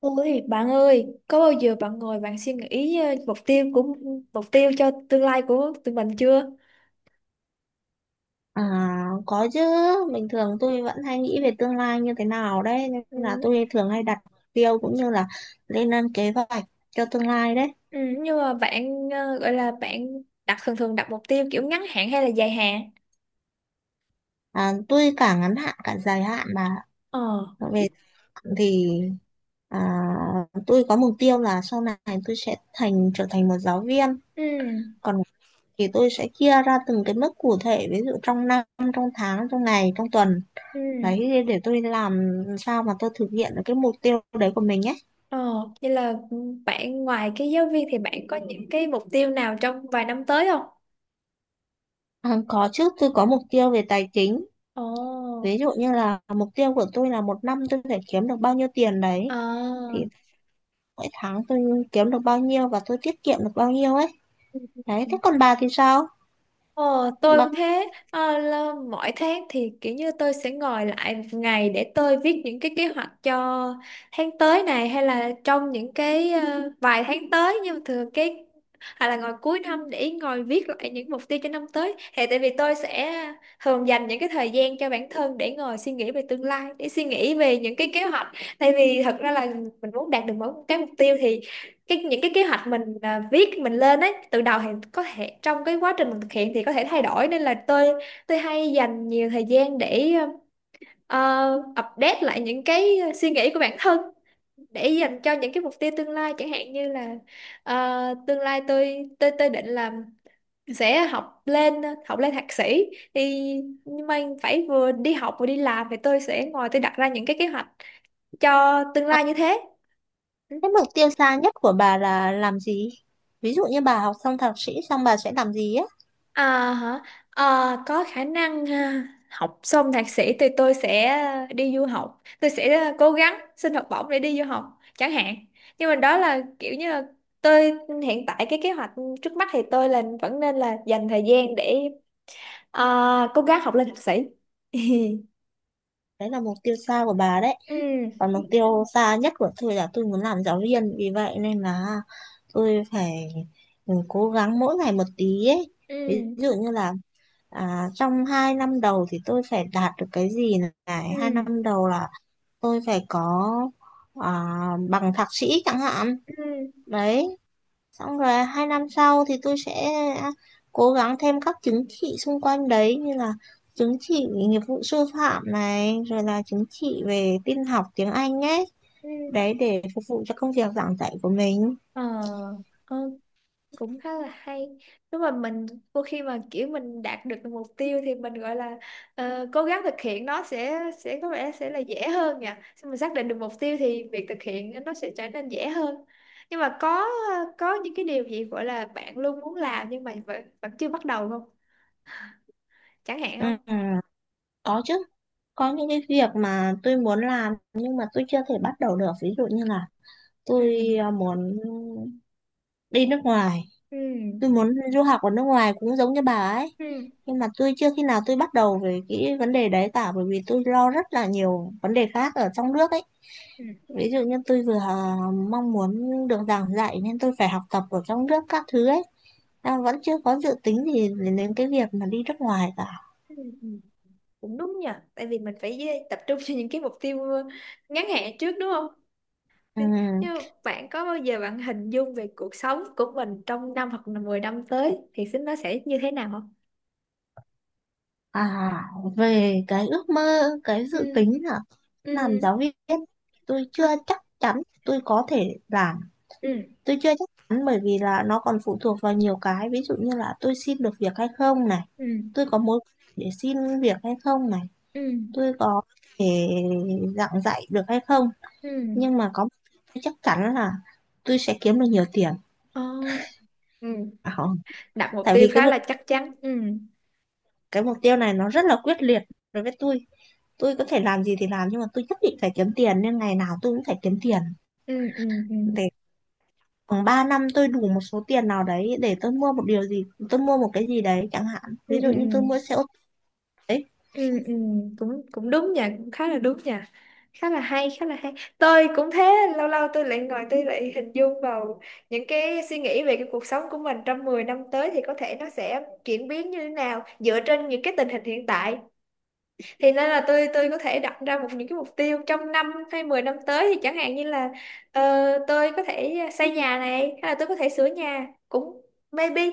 Ôi bạn ơi, có bao giờ bạn ngồi bạn suy nghĩ mục tiêu mục tiêu cho tương lai của tụi mình chưa? À, có chứ, bình thường tôi vẫn hay nghĩ về tương lai như thế nào đấy, nên là Ừ, tôi thường hay đặt mục tiêu cũng như là lên lên kế hoạch cho tương lai đấy. ừ, nhưng mà bạn gọi là bạn đặt thường thường đặt mục tiêu kiểu ngắn hạn hay là dài hạn? À, tôi cả ngắn hạn cả dài hạn mà Ờ, về hạn thì à, tôi có mục tiêu là sau này tôi sẽ trở thành một giáo viên, ừ, còn thì tôi sẽ chia ra từng cái mức cụ thể, ví dụ trong năm, trong tháng, trong ngày, trong tuần. ừ, Đấy, để tôi làm sao mà tôi thực hiện được cái mục tiêu đấy của mình ấy. ờ, vậy là ừ, bạn ngoài cái giáo viên thì bạn có những cái mục tiêu nào trong vài năm tới không? À, có chứ, tôi có mục tiêu về tài chính. Ồ, Ví dụ như là mục tiêu của tôi là một năm tôi phải kiếm được bao nhiêu tiền đấy. à, Thì mỗi tháng tôi kiếm được bao nhiêu và tôi tiết kiệm được bao nhiêu ấy. Đấy, thế còn bà thì sao? Ờ, tôi Bà, cũng thế. Ờ, là mỗi tháng thì kiểu như tôi sẽ ngồi lại một ngày để tôi viết những cái kế hoạch cho tháng tới này, hay là trong những cái vài tháng tới, nhưng mà thường cái hay là ngồi cuối năm để ngồi viết lại những mục tiêu cho năm tới, thì tại vì tôi sẽ thường dành những cái thời gian cho bản thân để ngồi suy nghĩ về tương lai, để suy nghĩ về những cái kế hoạch. Tại vì thật ra là mình muốn đạt được mỗi một cái mục tiêu thì cái những cái kế hoạch mình viết mình lên ấy từ đầu thì có thể trong cái quá trình mình thực hiện thì có thể thay đổi, nên là tôi hay dành nhiều thời gian để update lại những cái suy nghĩ của bản thân để dành cho những cái mục tiêu tương lai, chẳng hạn như là ờ, tương lai tôi định là sẽ học lên thạc sĩ thì nhưng mà phải vừa đi học vừa đi làm, thì tôi sẽ ngồi tôi đặt ra những cái kế hoạch cho tương lai như thế. Ừ. cái mục tiêu xa nhất của bà là làm gì? Ví dụ như bà học xong thạc sĩ xong bà sẽ làm gì á? À, hả? Ờ, có khả năng ha. Học xong thạc sĩ thì tôi sẽ đi du học, tôi sẽ cố gắng xin học bổng để đi du học chẳng hạn, nhưng mà đó là kiểu như là tôi hiện tại cái kế hoạch trước mắt thì tôi là vẫn nên là dành thời gian để cố gắng học lên thạc sĩ. Đấy là mục tiêu xa của bà đấy. Ừ, Còn mục tiêu xa nhất của tôi là tôi muốn làm giáo viên. Vì vậy nên là tôi phải cố gắng mỗi ngày một tí ấy. Ví ừ, dụ như là à, trong 2 năm đầu thì tôi phải đạt được cái gì này? Hai ừ, năm đầu là tôi phải có à, bằng thạc sĩ chẳng hạn. ừ, ừ, Đấy, xong rồi 2 năm sau thì tôi sẽ cố gắng thêm các chứng chỉ xung quanh đấy như là chứng chỉ nghiệp vụ sư phạm này, rồi là chứng chỉ về tin học tiếng Anh ấy. ừ. Đấy để phục vụ cho công việc giảng dạy của mình. ờ ok, cũng khá là hay. Nếu mà mình đôi khi mà kiểu mình đạt được mục tiêu thì mình gọi là cố gắng thực hiện, nó sẽ có vẻ sẽ là dễ hơn nhỉ. Khi mình xác định được mục tiêu thì việc thực hiện nó sẽ trở nên dễ hơn, nhưng mà có những cái điều gì gọi là bạn luôn muốn làm nhưng mà vẫn chưa bắt đầu không, chẳng hạn không? Ừ, có chứ. Có những cái việc mà tôi muốn làm nhưng mà tôi chưa thể bắt đầu được. Ví dụ như là Ừ. tôi à, muốn đi nước ngoài, Ừ, tôi muốn du học ở nước ngoài cũng giống như bà ấy, ừ. nhưng mà tôi chưa khi nào tôi bắt đầu về cái vấn đề đấy cả, bởi vì tôi lo rất là nhiều vấn đề khác ở trong nước ấy. Ừ. Ví dụ như tôi vừa à, mong muốn được giảng dạy nên tôi phải học tập ở trong nước các thứ ấy, à, vẫn chưa có dự tính gì đến đến cái việc mà đi nước ngoài cả. Ừ. Ừ. Cũng đúng nhỉ. Tại vì mình phải tập trung cho những cái mục tiêu ngắn hạn trước, đúng không? Thế- Ừm, Nhưng mà bạn có bao giờ bạn hình dung về cuộc sống của mình trong năm hoặc là 10 năm tới thì xin nó sẽ như thế nào không? à, về cái ước mơ cái Ừ, dự tính là làm ừ, giáo viên, tôi à, chưa chắc chắn tôi có thể làm. ừ, Tôi chưa chắc chắn bởi vì là nó còn phụ thuộc vào nhiều cái, ví dụ như là tôi xin được việc hay không này, ừ, tôi có mối quan hệ để xin việc hay không này, ừ, tôi có thể giảng dạy được hay không. ừ, Nhưng mà có một điều tôi chắc chắn là tôi sẽ kiếm được nhiều tiền. ờ, ừ. À, không. Đặt mục Tại tiêu vì cái khá mục là chắc chắn. Ừ, cái mục tiêu này nó rất là quyết liệt đối với tôi. Tôi có thể làm gì thì làm, nhưng mà tôi nhất định phải kiếm tiền, nên ngày nào tôi cũng phải kiếm tiền ừ, ừ, ừ, để khoảng 3 năm tôi đủ một số tiền nào đấy để tôi mua một điều gì, tôi mua một cái gì đấy chẳng hạn. ừ, Ví dụ ừ. như Ừ. tôi mua xe ô tô đấy. Ừ, ừ, cũng cũng đúng nha, cũng khá là đúng nha, khá là hay, tôi cũng thế. Lâu lâu tôi lại ngồi tôi lại hình dung vào những cái suy nghĩ về cái cuộc sống của mình trong 10 năm tới, thì có thể nó sẽ chuyển biến như thế nào dựa trên những cái tình hình hiện tại, thì nên là tôi có thể đặt ra một những cái mục tiêu trong năm hay 10 năm tới, thì chẳng hạn như là ờ, tôi có thể xây nhà này, hay là tôi có thể sửa nhà cũng maybe.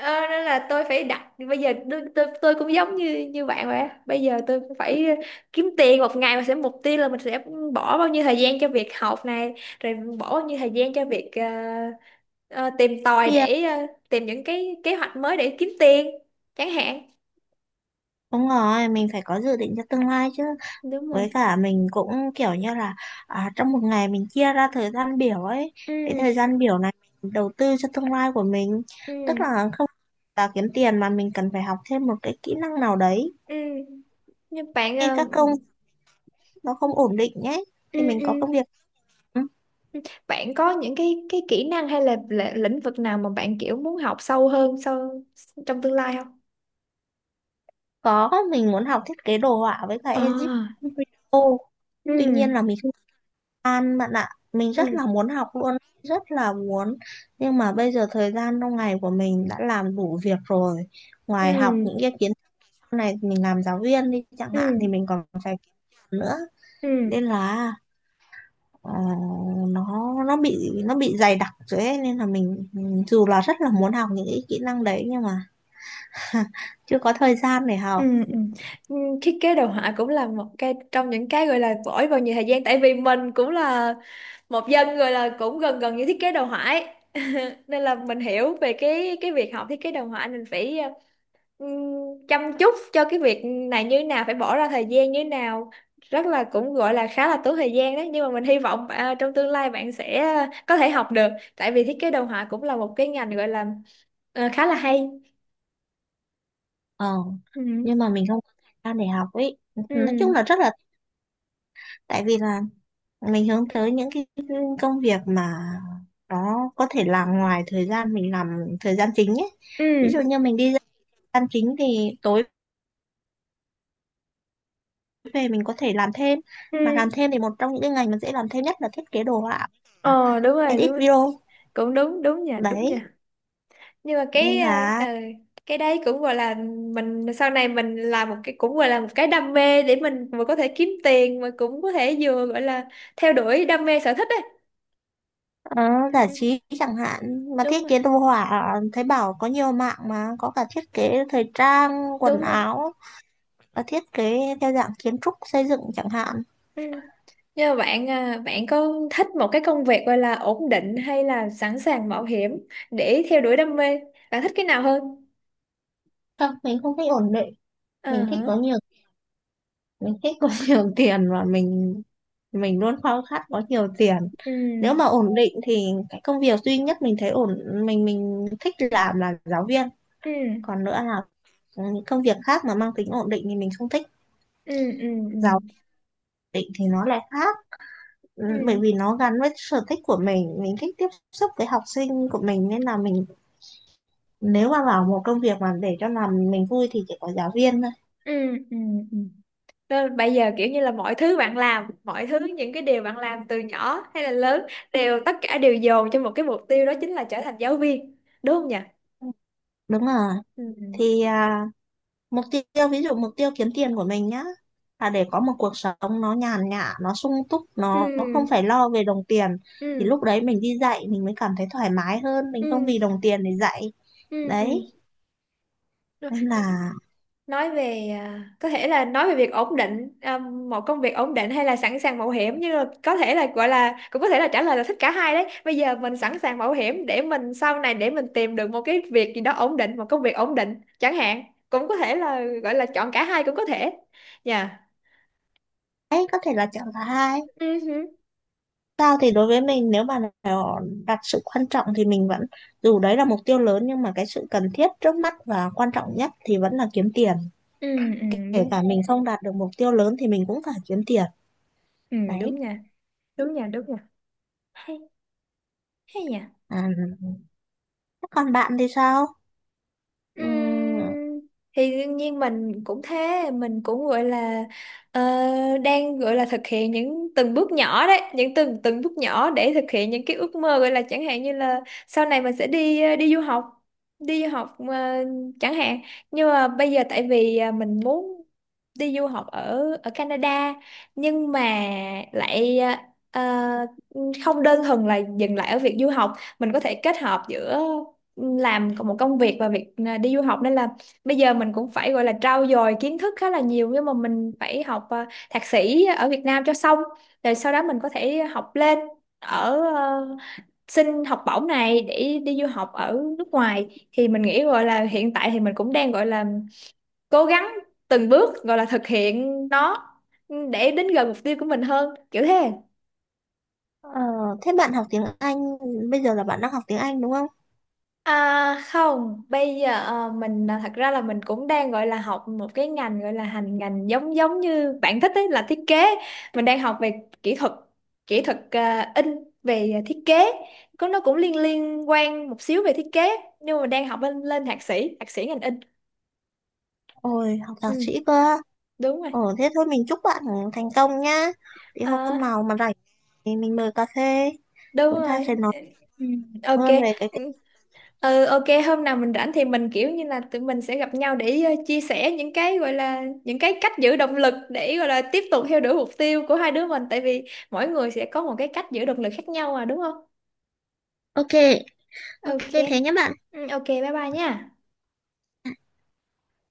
Ờ, nên là tôi phải đặt bây giờ tôi cũng giống như như bạn vậy á. Bây giờ tôi cũng phải kiếm tiền một ngày mà sẽ mục tiêu là mình sẽ bỏ bao nhiêu thời gian cho việc học này, rồi bỏ bao nhiêu thời gian cho việc ờ, tìm tòi Tiền, để tìm những cái kế hoạch mới để kiếm tiền chẳng hạn. đúng rồi, mình phải có dự định cho tương lai chứ. Đúng Với rồi, cả mình cũng kiểu như là à, trong một ngày mình chia ra thời gian biểu ấy, cái thời ừ, gian biểu này mình đầu tư cho tương lai của mình, tức ừ, là không là kiếm tiền mà mình cần phải học thêm một cái kỹ năng nào đấy ừ. Nhưng bạn khi ờ, các công việc nó không ổn định nhé, ừ, thì mình có công ừ. việc. Ừ, Ừ. Bạn có những cái kỹ năng hay là lĩnh vực nào mà bạn kiểu muốn học sâu hơn sau trong tương lai không? có, mình muốn học thiết kế đồ họa với cả edit À. video, Ừ. tuy nhiên là mình, An bạn ạ, mình Ừ. rất là muốn học luôn, rất là muốn. Nhưng mà bây giờ thời gian trong ngày của mình đã làm đủ việc rồi. Ngoài học những Ừ. cái kiến thức này, mình làm giáo viên đi chẳng hạn Ừ. thì mình còn phải kiếm tiền nữa. Ừ. Nên là ờ, nó bị dày đặc rồi ấy. Nên là mình dù là rất là muốn học những cái kỹ năng đấy nhưng mà chưa có thời gian để học. Ừ. Ừ. Ừ, thiết kế đồ họa cũng là một cái trong những cái gọi là vỗi vào nhiều thời gian, tại vì mình cũng là một dân gọi là cũng gần gần như thiết kế đồ họa ấy. Nên là mình hiểu về cái việc học thiết kế đồ họa, mình phải ừm, chăm chút cho cái việc này như nào, phải bỏ ra thời gian như nào, rất là cũng gọi là khá là tốn thời gian đấy. Nhưng mà mình hy vọng trong tương lai bạn sẽ có thể học được, tại vì thiết kế đồ họa cũng là một cái ngành gọi là khá là hay. Ờ, Ừ, nhưng mà mình không có thời gian để học ấy. Nói chung là ừ, rất là, tại vì là mình hướng tới những cái công việc mà nó có thể làm ngoài thời gian mình làm thời gian chính ấy. Ví ừ, dụ như mình đi ra thời gian chính thì tối về mình có thể làm thêm, ừ. mà làm thêm thì một trong những cái ngành mà dễ làm thêm nhất là thiết kế đồ họa, Ờ, đúng rồi, edit video cũng đúng, đúng nha, đúng đấy, nha. Nhưng mà cái nên ờ, ờ, là cái đấy cũng gọi là mình sau này mình làm một cái cũng gọi là một cái đam mê, để mình vừa có thể kiếm tiền mà cũng có thể vừa gọi là theo đuổi đam mê sở thích đấy. ờ, giải Ừ, trí chẳng hạn. Mà đúng thiết rồi, kế đồ họa thấy bảo có nhiều mạng, mà có cả thiết kế thời trang quần đúng rồi áo và thiết kế theo dạng kiến trúc xây dựng chẳng hạn. ừ. Nhưng mà bạn có thích một cái công việc gọi là ổn định hay là sẵn sàng mạo hiểm để theo đuổi đam mê, bạn thích cái nào hơn? Không, mình không thích ổn định. Ờ Mình thích hả? có nhiều, mình thích có nhiều tiền, và mình, luôn khao khát có nhiều tiền. Ừ, Nếu mà ổn định thì cái công việc duy nhất mình thấy ổn, mình thích làm là giáo viên, ừ, còn nữa là những công việc khác mà mang tính ổn định thì mình không thích. ừ, ừ, ừ, Giáo định thì nó lại khác. Ừ, bởi ừ, vì nó gắn với sở thích của mình thích tiếp xúc với học sinh của mình, nên là mình, nếu mà vào một công việc mà để cho làm mình vui thì chỉ có giáo viên thôi. ừ, ừ, ừ. Đó, bây giờ kiểu như là mọi thứ bạn làm, mọi thứ những cái điều bạn làm từ nhỏ hay là lớn, đều tất cả đều dồn cho một cái mục tiêu đó, chính là trở thành giáo viên, đúng không nhỉ? Đúng rồi, Ừ, thì à, mục tiêu, ví dụ mục tiêu kiếm tiền của mình nhá, là để có một cuộc sống nó nhàn nhã, nó sung túc, nó không ừ, phải lo về đồng tiền, thì ừ, lúc đấy mình đi dạy mình mới cảm thấy thoải mái hơn, mình không ừ, vì đồng tiền để dạy ừ, ừ. đấy, Ừ. Rồi, nên là nói về có thể là nói về việc ổn định, một công việc ổn định hay là sẵn sàng mạo hiểm, nhưng mà có thể là gọi là cũng có thể là trả lời là thích cả hai đấy. Bây giờ mình sẵn sàng mạo hiểm để mình sau này để mình tìm được một cái việc gì đó ổn định, một công việc ổn định chẳng hạn, cũng có thể là gọi là chọn cả hai cũng có thể. Dạ, đấy có thể là chọn thứ hai. ừ, ừ, Sao thì đối với mình, nếu mà nó đặt sự quan trọng thì mình vẫn, dù đấy là mục tiêu lớn nhưng mà cái sự cần thiết trước mắt và quan trọng nhất thì vẫn là kiếm tiền. ừ, ừ, Kể đúng. cả mình không đạt được mục tiêu lớn thì mình cũng phải kiếm tiền Ừ, đúng đấy. nha. Đúng nha, hay, hay nhỉ. À, thế còn bạn thì sao? Ừm, Ừm, thì đương nhiên mình cũng thế, mình cũng gọi là ờ, đang gọi là thực hiện những từng bước nhỏ đấy, những từng từng bước nhỏ để thực hiện những cái ước mơ, gọi là chẳng hạn như là sau này mình sẽ đi du học, đi du học ờ, chẳng hạn. Nhưng mà bây giờ tại vì mình muốn đi du học ở ở Canada, nhưng mà lại ờ, không đơn thuần là dừng lại ở việc du học, mình có thể kết hợp giữa làm còn một công việc và việc đi du học. Nên là bây giờ mình cũng phải gọi là trau dồi kiến thức khá là nhiều, nhưng mà mình phải học thạc sĩ ở Việt Nam cho xong, rồi sau đó mình có thể học lên ở xin học bổng này để đi du học ở nước ngoài, thì mình nghĩ gọi là hiện tại thì mình cũng đang gọi là cố gắng từng bước gọi là thực hiện nó để đến gần mục tiêu của mình hơn, kiểu thế. ờ, thế bạn học tiếng Anh, bây giờ là bạn đang học tiếng Anh đúng không? À, không, bây giờ thật ra là mình cũng đang gọi là học một cái ngành, gọi là hành ngành giống giống như bạn thích ấy, là thiết kế. Mình đang học về kỹ thuật, kỹ thuật in, về thiết kế. Có nó cũng liên liên quan một xíu về thiết kế, nhưng mà đang học lên lên thạc sĩ ngành in. Ôi, học thạc Ừ, sĩ cơ. đúng rồi. Ồ, thế thôi mình chúc bạn thành công nhá. Thì hôm À, nào mà rảnh thì mình mời cà phê, đúng chúng ta sẽ rồi. nói Ừ, ừ, hơn ok. về cái. Ừ, ok, hôm nào mình rảnh thì mình kiểu như là tụi mình sẽ gặp nhau để chia sẻ những cái gọi là những cái cách giữ động lực để gọi là tiếp tục theo đuổi mục tiêu của hai đứa mình, tại vì mỗi người sẽ có một cái cách giữ động lực khác nhau mà, đúng không? Ok, ok, Ok. thế nhé bạn. Ừ, ok, bye bye nha.